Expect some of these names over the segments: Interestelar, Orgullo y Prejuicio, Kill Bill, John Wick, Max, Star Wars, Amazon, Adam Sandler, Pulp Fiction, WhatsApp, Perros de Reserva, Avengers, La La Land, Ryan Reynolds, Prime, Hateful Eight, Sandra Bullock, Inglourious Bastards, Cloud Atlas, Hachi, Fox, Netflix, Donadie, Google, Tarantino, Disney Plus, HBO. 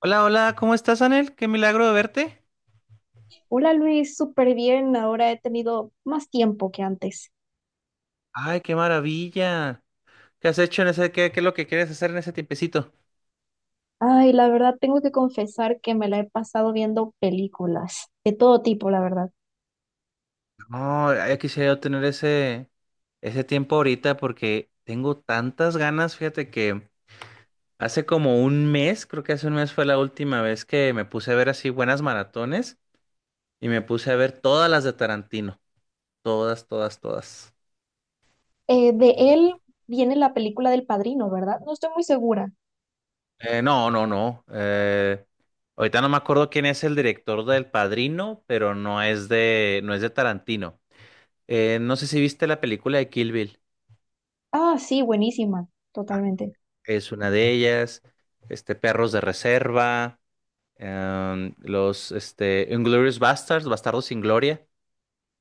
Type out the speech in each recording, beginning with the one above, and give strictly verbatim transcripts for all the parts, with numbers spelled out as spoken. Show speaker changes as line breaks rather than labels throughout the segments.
Hola, hola, ¿cómo estás, Anel? Qué milagro de verte.
Hola Luis, súper bien. Ahora he tenido más tiempo que antes.
Ay, qué maravilla. ¿Qué has hecho en ese, qué, qué es lo que quieres hacer en ese tiempecito?
Ay, la verdad tengo que confesar que me la he pasado viendo películas de todo tipo, la verdad.
No, ya quisiera yo tener ese, ese tiempo ahorita porque tengo tantas ganas, fíjate que hace como un mes, creo que hace un mes fue la última vez que me puse a ver así buenas maratones y me puse a ver todas las de Tarantino, todas, todas, todas.
Eh, de él viene la película del Padrino, ¿verdad? No estoy muy segura.
Eh, no, no, no. Eh, ahorita no me acuerdo quién es el director del Padrino, pero no es de, no es de Tarantino. Eh, no sé si viste la película de Kill Bill.
Ah, sí, buenísima, totalmente.
Es una de ellas. Este, Perros de Reserva. em, los, este, Inglourious Bastards, Bastardos sin Gloria.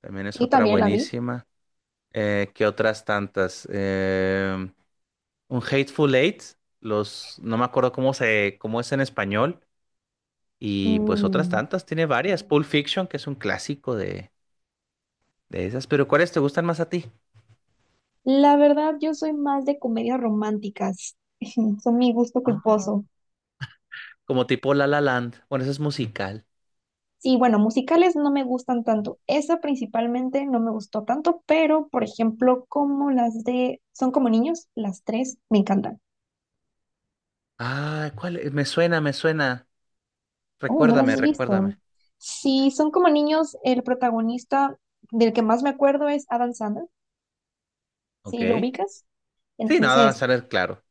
También es
Sí,
otra
también la vi.
buenísima. Eh, ¿qué otras tantas? Em, un Hateful Eight. Los, no me acuerdo cómo se, cómo es en español. Y pues otras
Mm,
tantas, tiene varias. Pulp Fiction, que es un clásico de, de esas. Pero ¿cuáles te gustan más a ti?
la verdad, yo soy más de comedias románticas. Son mi gusto
Ah.
culposo.
Como tipo La La Land. Bueno, eso es musical.
Sí, bueno, musicales no me gustan tanto. Esa principalmente no me gustó tanto, pero por ejemplo, como las de Son como niños, las tres me encantan.
Ah, ¿cuál es? Me suena, me suena.
Oh, ¿no las
Recuérdame,
has visto?
recuérdame.
Sí, Son como niños, el protagonista del que más me acuerdo es Adam Sandler. Sí, ¿lo
Ok.
ubicas?
Sí, nada, va a
Entonces,
salir claro.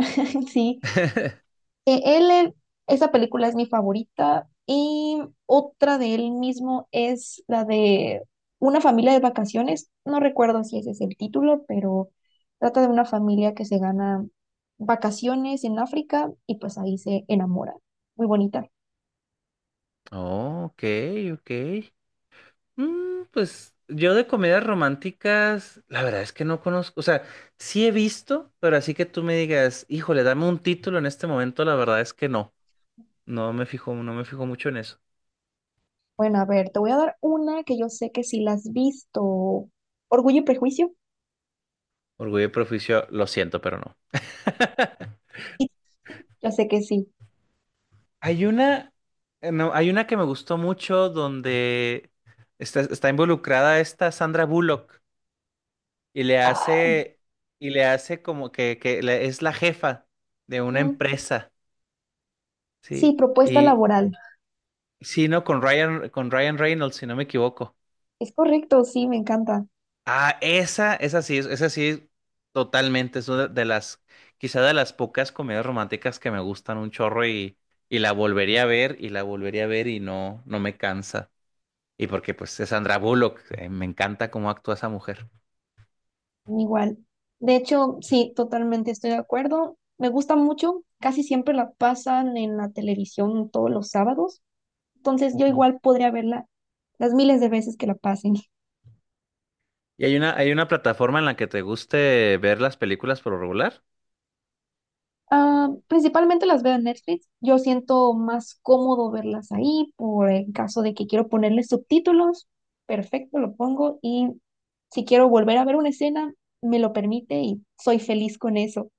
sí. Eh, él, eh, esa película es mi favorita y otra de él mismo es la de Una familia de vacaciones. No recuerdo si ese es el título, pero trata de una familia que se gana vacaciones en África y pues ahí se enamora. Muy bonita.
Oh, ok, ok. Mm, pues yo de comedias románticas, la verdad es que no conozco. O sea, sí he visto, pero así que tú me digas, híjole, dame un título en este momento, la verdad es que no. No me fijo, no me fijo mucho en eso.
Bueno, a ver, te voy a dar una que yo sé que si la has visto. Orgullo y Prejuicio.
Orgullo y Prejuicio, lo siento, pero no.
Sí, ya sé que sí.
Hay una, eh, no, hay una que me gustó mucho donde está, está involucrada esta Sandra Bullock y le
Ah,
hace, y le hace como que, que le- es la jefa de una
mm,
empresa,
sí,
¿sí?
propuesta
Y
laboral.
sí, no, con Ryan, con Ryan Reynolds, si no me equivoco.
Es correcto, sí, me encanta.
Ah, esa, esa sí, es- esa sí, totalmente. Es una de las, quizá de las pocas comedias románticas que me gustan un chorro y, y la volvería a ver y la volvería a ver y no, no me cansa. Y porque pues es Sandra Bullock, eh, me encanta cómo actúa esa mujer.
Igual. De hecho, sí, totalmente estoy de acuerdo. Me gusta mucho. Casi siempre la pasan en la televisión todos los sábados. Entonces yo
Ujú.
igual podría verla las miles de veces que la pasen.
¿Y hay una, hay una plataforma en la que te guste ver las películas por lo regular?
Ah, principalmente las veo en Netflix. Yo siento más cómodo verlas ahí por el caso de que quiero ponerle subtítulos. Perfecto, lo pongo. Y si quiero volver a ver una escena, me lo permite y soy feliz con eso.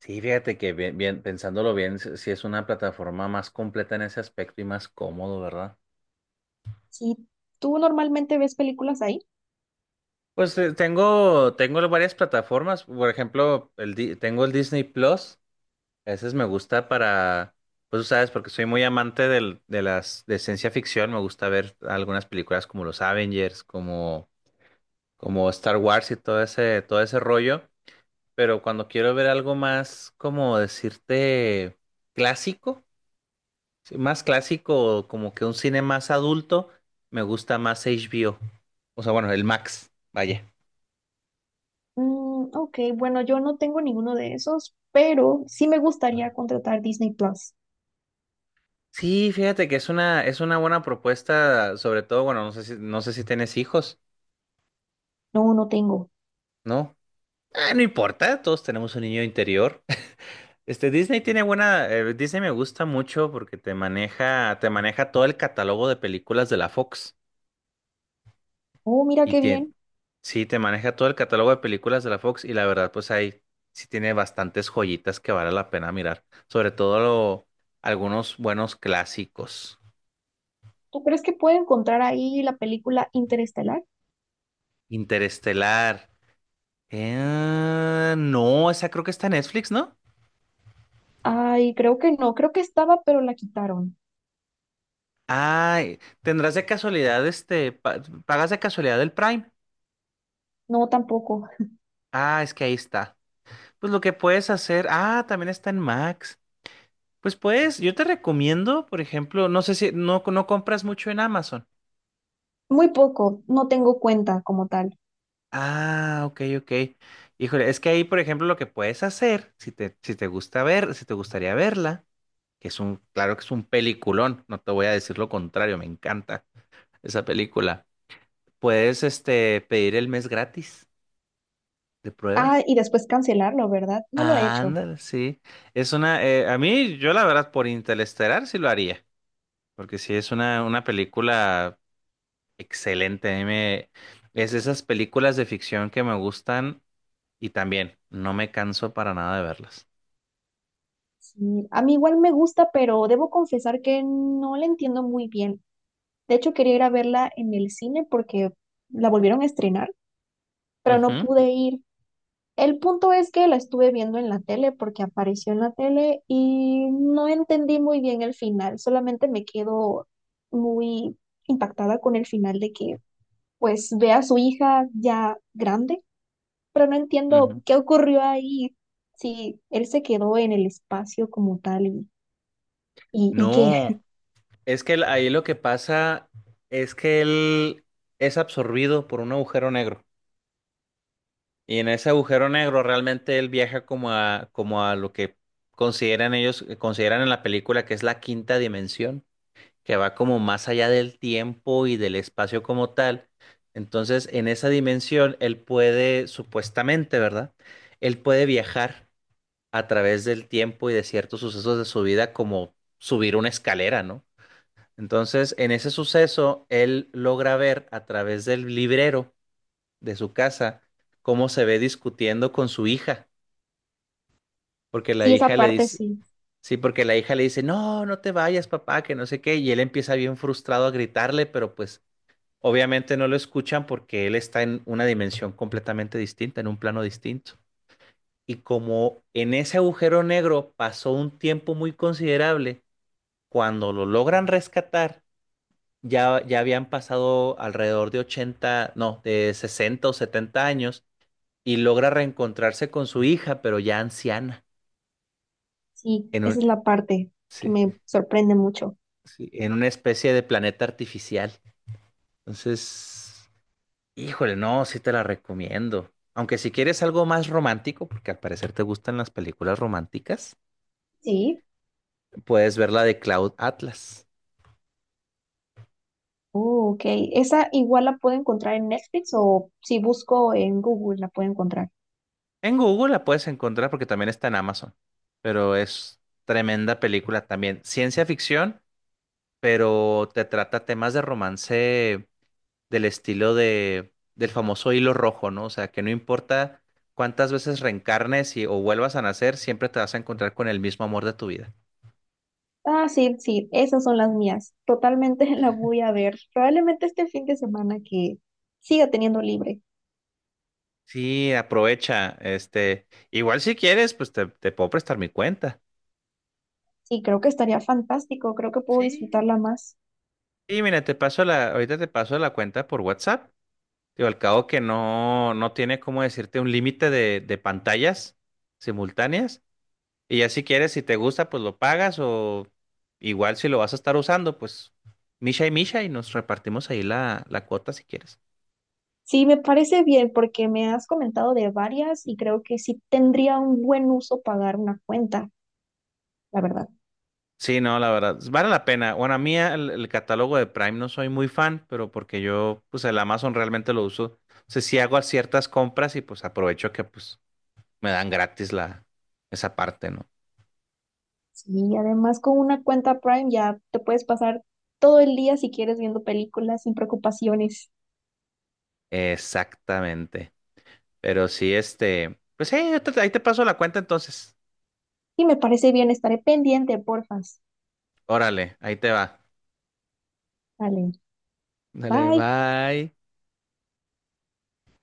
Sí, fíjate que bien, bien, pensándolo bien, sí sí es una plataforma más completa en ese aspecto y más cómodo, ¿verdad?
Si tú normalmente ves películas ahí.
Pues eh, tengo, tengo varias plataformas, por ejemplo, el, Di- tengo el Disney Plus. Ese es- me gusta para, pues tú sabes, porque soy muy amante del, de las de ciencia ficción, me gusta ver algunas películas como los Avengers, como, como Star Wars y todo ese, todo ese rollo, pero cuando quiero ver algo más, como decirte, clásico, sí, más clásico, como que un cine más adulto, me gusta más H B O, o o sea, bueno, el Max, vaya.
Mm, ok, bueno, yo no tengo ninguno de esos, pero sí me gustaría contratar Disney Plus.
Sí, fíjate que es una, es una buena propuesta, sobre todo, bueno, no sé si, no sé si tienes hijos,
No, no tengo.
¿no? Ah, no importa, todos tenemos un niño interior. Este, Disney tiene buena, eh, Disney me gusta mucho porque te maneja, te maneja todo el catálogo de películas de la Fox.
Oh, mira
Y
qué
tiene,
bien.
sí, te maneja todo el catálogo de películas de la Fox y la verdad, pues ahí sí tiene bastantes joyitas que vale la pena mirar. Sobre todo lo- algunos buenos clásicos.
¿Tú crees que puedo encontrar ahí la película Interestelar?
Interestelar. Eh, no, esa creo que está en Netflix, ¿no?
Ay, creo que no. Creo que estaba, pero la quitaron.
Ay, tendrás de casualidad, este, pa- pagas de casualidad el Prime.
No, tampoco.
Ah, es que ahí está. Pues lo que puedes hacer, ah, también está en Max. Pues puedes, yo te recomiendo, por ejemplo, no sé si no, no compras mucho en Amazon.
Muy poco. No tengo cuenta como tal.
Ah, ok, ok. Híjole, es que ahí, por ejemplo, lo que puedes hacer, si te, si te gusta ver, si te gustaría verla, que es un, claro que es un peliculón, no te voy a decir lo contrario, me encanta esa película. Puedes, este, pedir el mes gratis de prueba.
Ah, y después cancelarlo, ¿verdad? No lo he hecho.
Ándale, sí. Es una, eh, a mí, yo la verdad, por Interestelar sí lo haría, porque sí es una, una película excelente. A mí me, es de esas películas de ficción que me gustan y también no me canso para nada de verlas.
Sí, a mí igual me gusta, pero debo confesar que no la entiendo muy bien. De hecho, quería ir a verla en el cine porque la volvieron a estrenar pero no
Ujú,
pude ir. El punto es que la estuve viendo en la tele porque apareció en la tele y no entendí muy bien el final, solamente me quedo muy impactada con el final de que pues ve a su hija ya grande, pero no entiendo
ujú.
qué ocurrió ahí, si él se quedó en el espacio como tal y, y, y que
No, es que el- ahí lo que pasa es que él es absorbido por un agujero negro. Y en ese agujero negro realmente él viaja como a, como a lo que consideran ellos, eh, consideran en la película que es la quinta dimensión, que va como más allá del tiempo y del espacio como tal. Entonces, en esa dimensión, él puede, supuestamente, ¿verdad? Él puede viajar a través del tiempo y de ciertos sucesos de su vida, como subir una escalera, ¿no? Entonces, en ese suceso, él logra ver a través del librero de su casa cómo se ve discutiendo con su hija, porque la
sí, esa
hija le
parte
dice,
sí,
sí, porque la hija le dice, no, no te vayas, papá, que no sé qué, y él empieza bien frustrado a gritarle, pero pues obviamente no lo escuchan porque él está en una dimensión completamente distinta, en un plano distinto. Y como en ese agujero negro pasó un tiempo muy considerable, cuando lo logran rescatar, ya, ya habían pasado alrededor de ochenta no, de sesenta o setenta años y logra reencontrarse con su hija, pero ya anciana,
sí,
en un,
esa es la parte que
sí,
me sorprende mucho.
sí, en una especie de planeta artificial. Entonces, híjole, no, sí te la recomiendo. Aunque si quieres algo más romántico, porque al parecer te gustan las películas románticas,
Sí.
puedes ver la de Cloud Atlas.
Oh, ok. ¿Esa igual la puedo encontrar en Netflix o si busco en Google la puedo encontrar?
En Google la puedes encontrar porque también está en Amazon, pero es tremenda película también. Ciencia ficción, pero te trata temas de romance del estilo de, del famoso hilo rojo, ¿no? O sea, que no importa cuántas veces reencarnes y, o vuelvas a nacer, siempre te vas a encontrar con el mismo amor de tu vida.
Ah, sí, sí, esas son las mías. Totalmente la voy a ver. Probablemente este fin de semana que siga teniendo libre.
Sí, aprovecha, este, igual si quieres, pues te, te puedo prestar mi cuenta.
Sí, creo que estaría fantástico. Creo que puedo
Sí.
disfrutarla más.
Y mira, te paso la, ahorita te paso la cuenta por WhatsApp. Digo, al cabo que no, no tiene como decirte un límite de, de pantallas simultáneas. Y ya si quieres, si te gusta, pues lo pagas o igual si lo vas a estar usando, pues Misha y Misha y nos repartimos ahí la, la cuota si quieres.
Sí, me parece bien porque me has comentado de varias y creo que sí tendría un buen uso pagar una cuenta, la verdad.
Sí, no, la verdad, vale la pena. Bueno, a mí el, el catálogo de Prime no soy muy fan, pero porque yo, pues el Amazon realmente lo uso. O sea, sí hago ciertas compras y pues aprovecho que pues me dan gratis la, esa parte, ¿no?
Sí, además con una cuenta Prime ya te puedes pasar todo el día si quieres viendo películas sin preocupaciones.
Exactamente. Pero sí, este, pues sí, ahí te ahí te paso la cuenta entonces.
Y me parece bien, estaré pendiente, porfas.
Órale, ahí te va.
Vale,
Dale,
bye.
bye.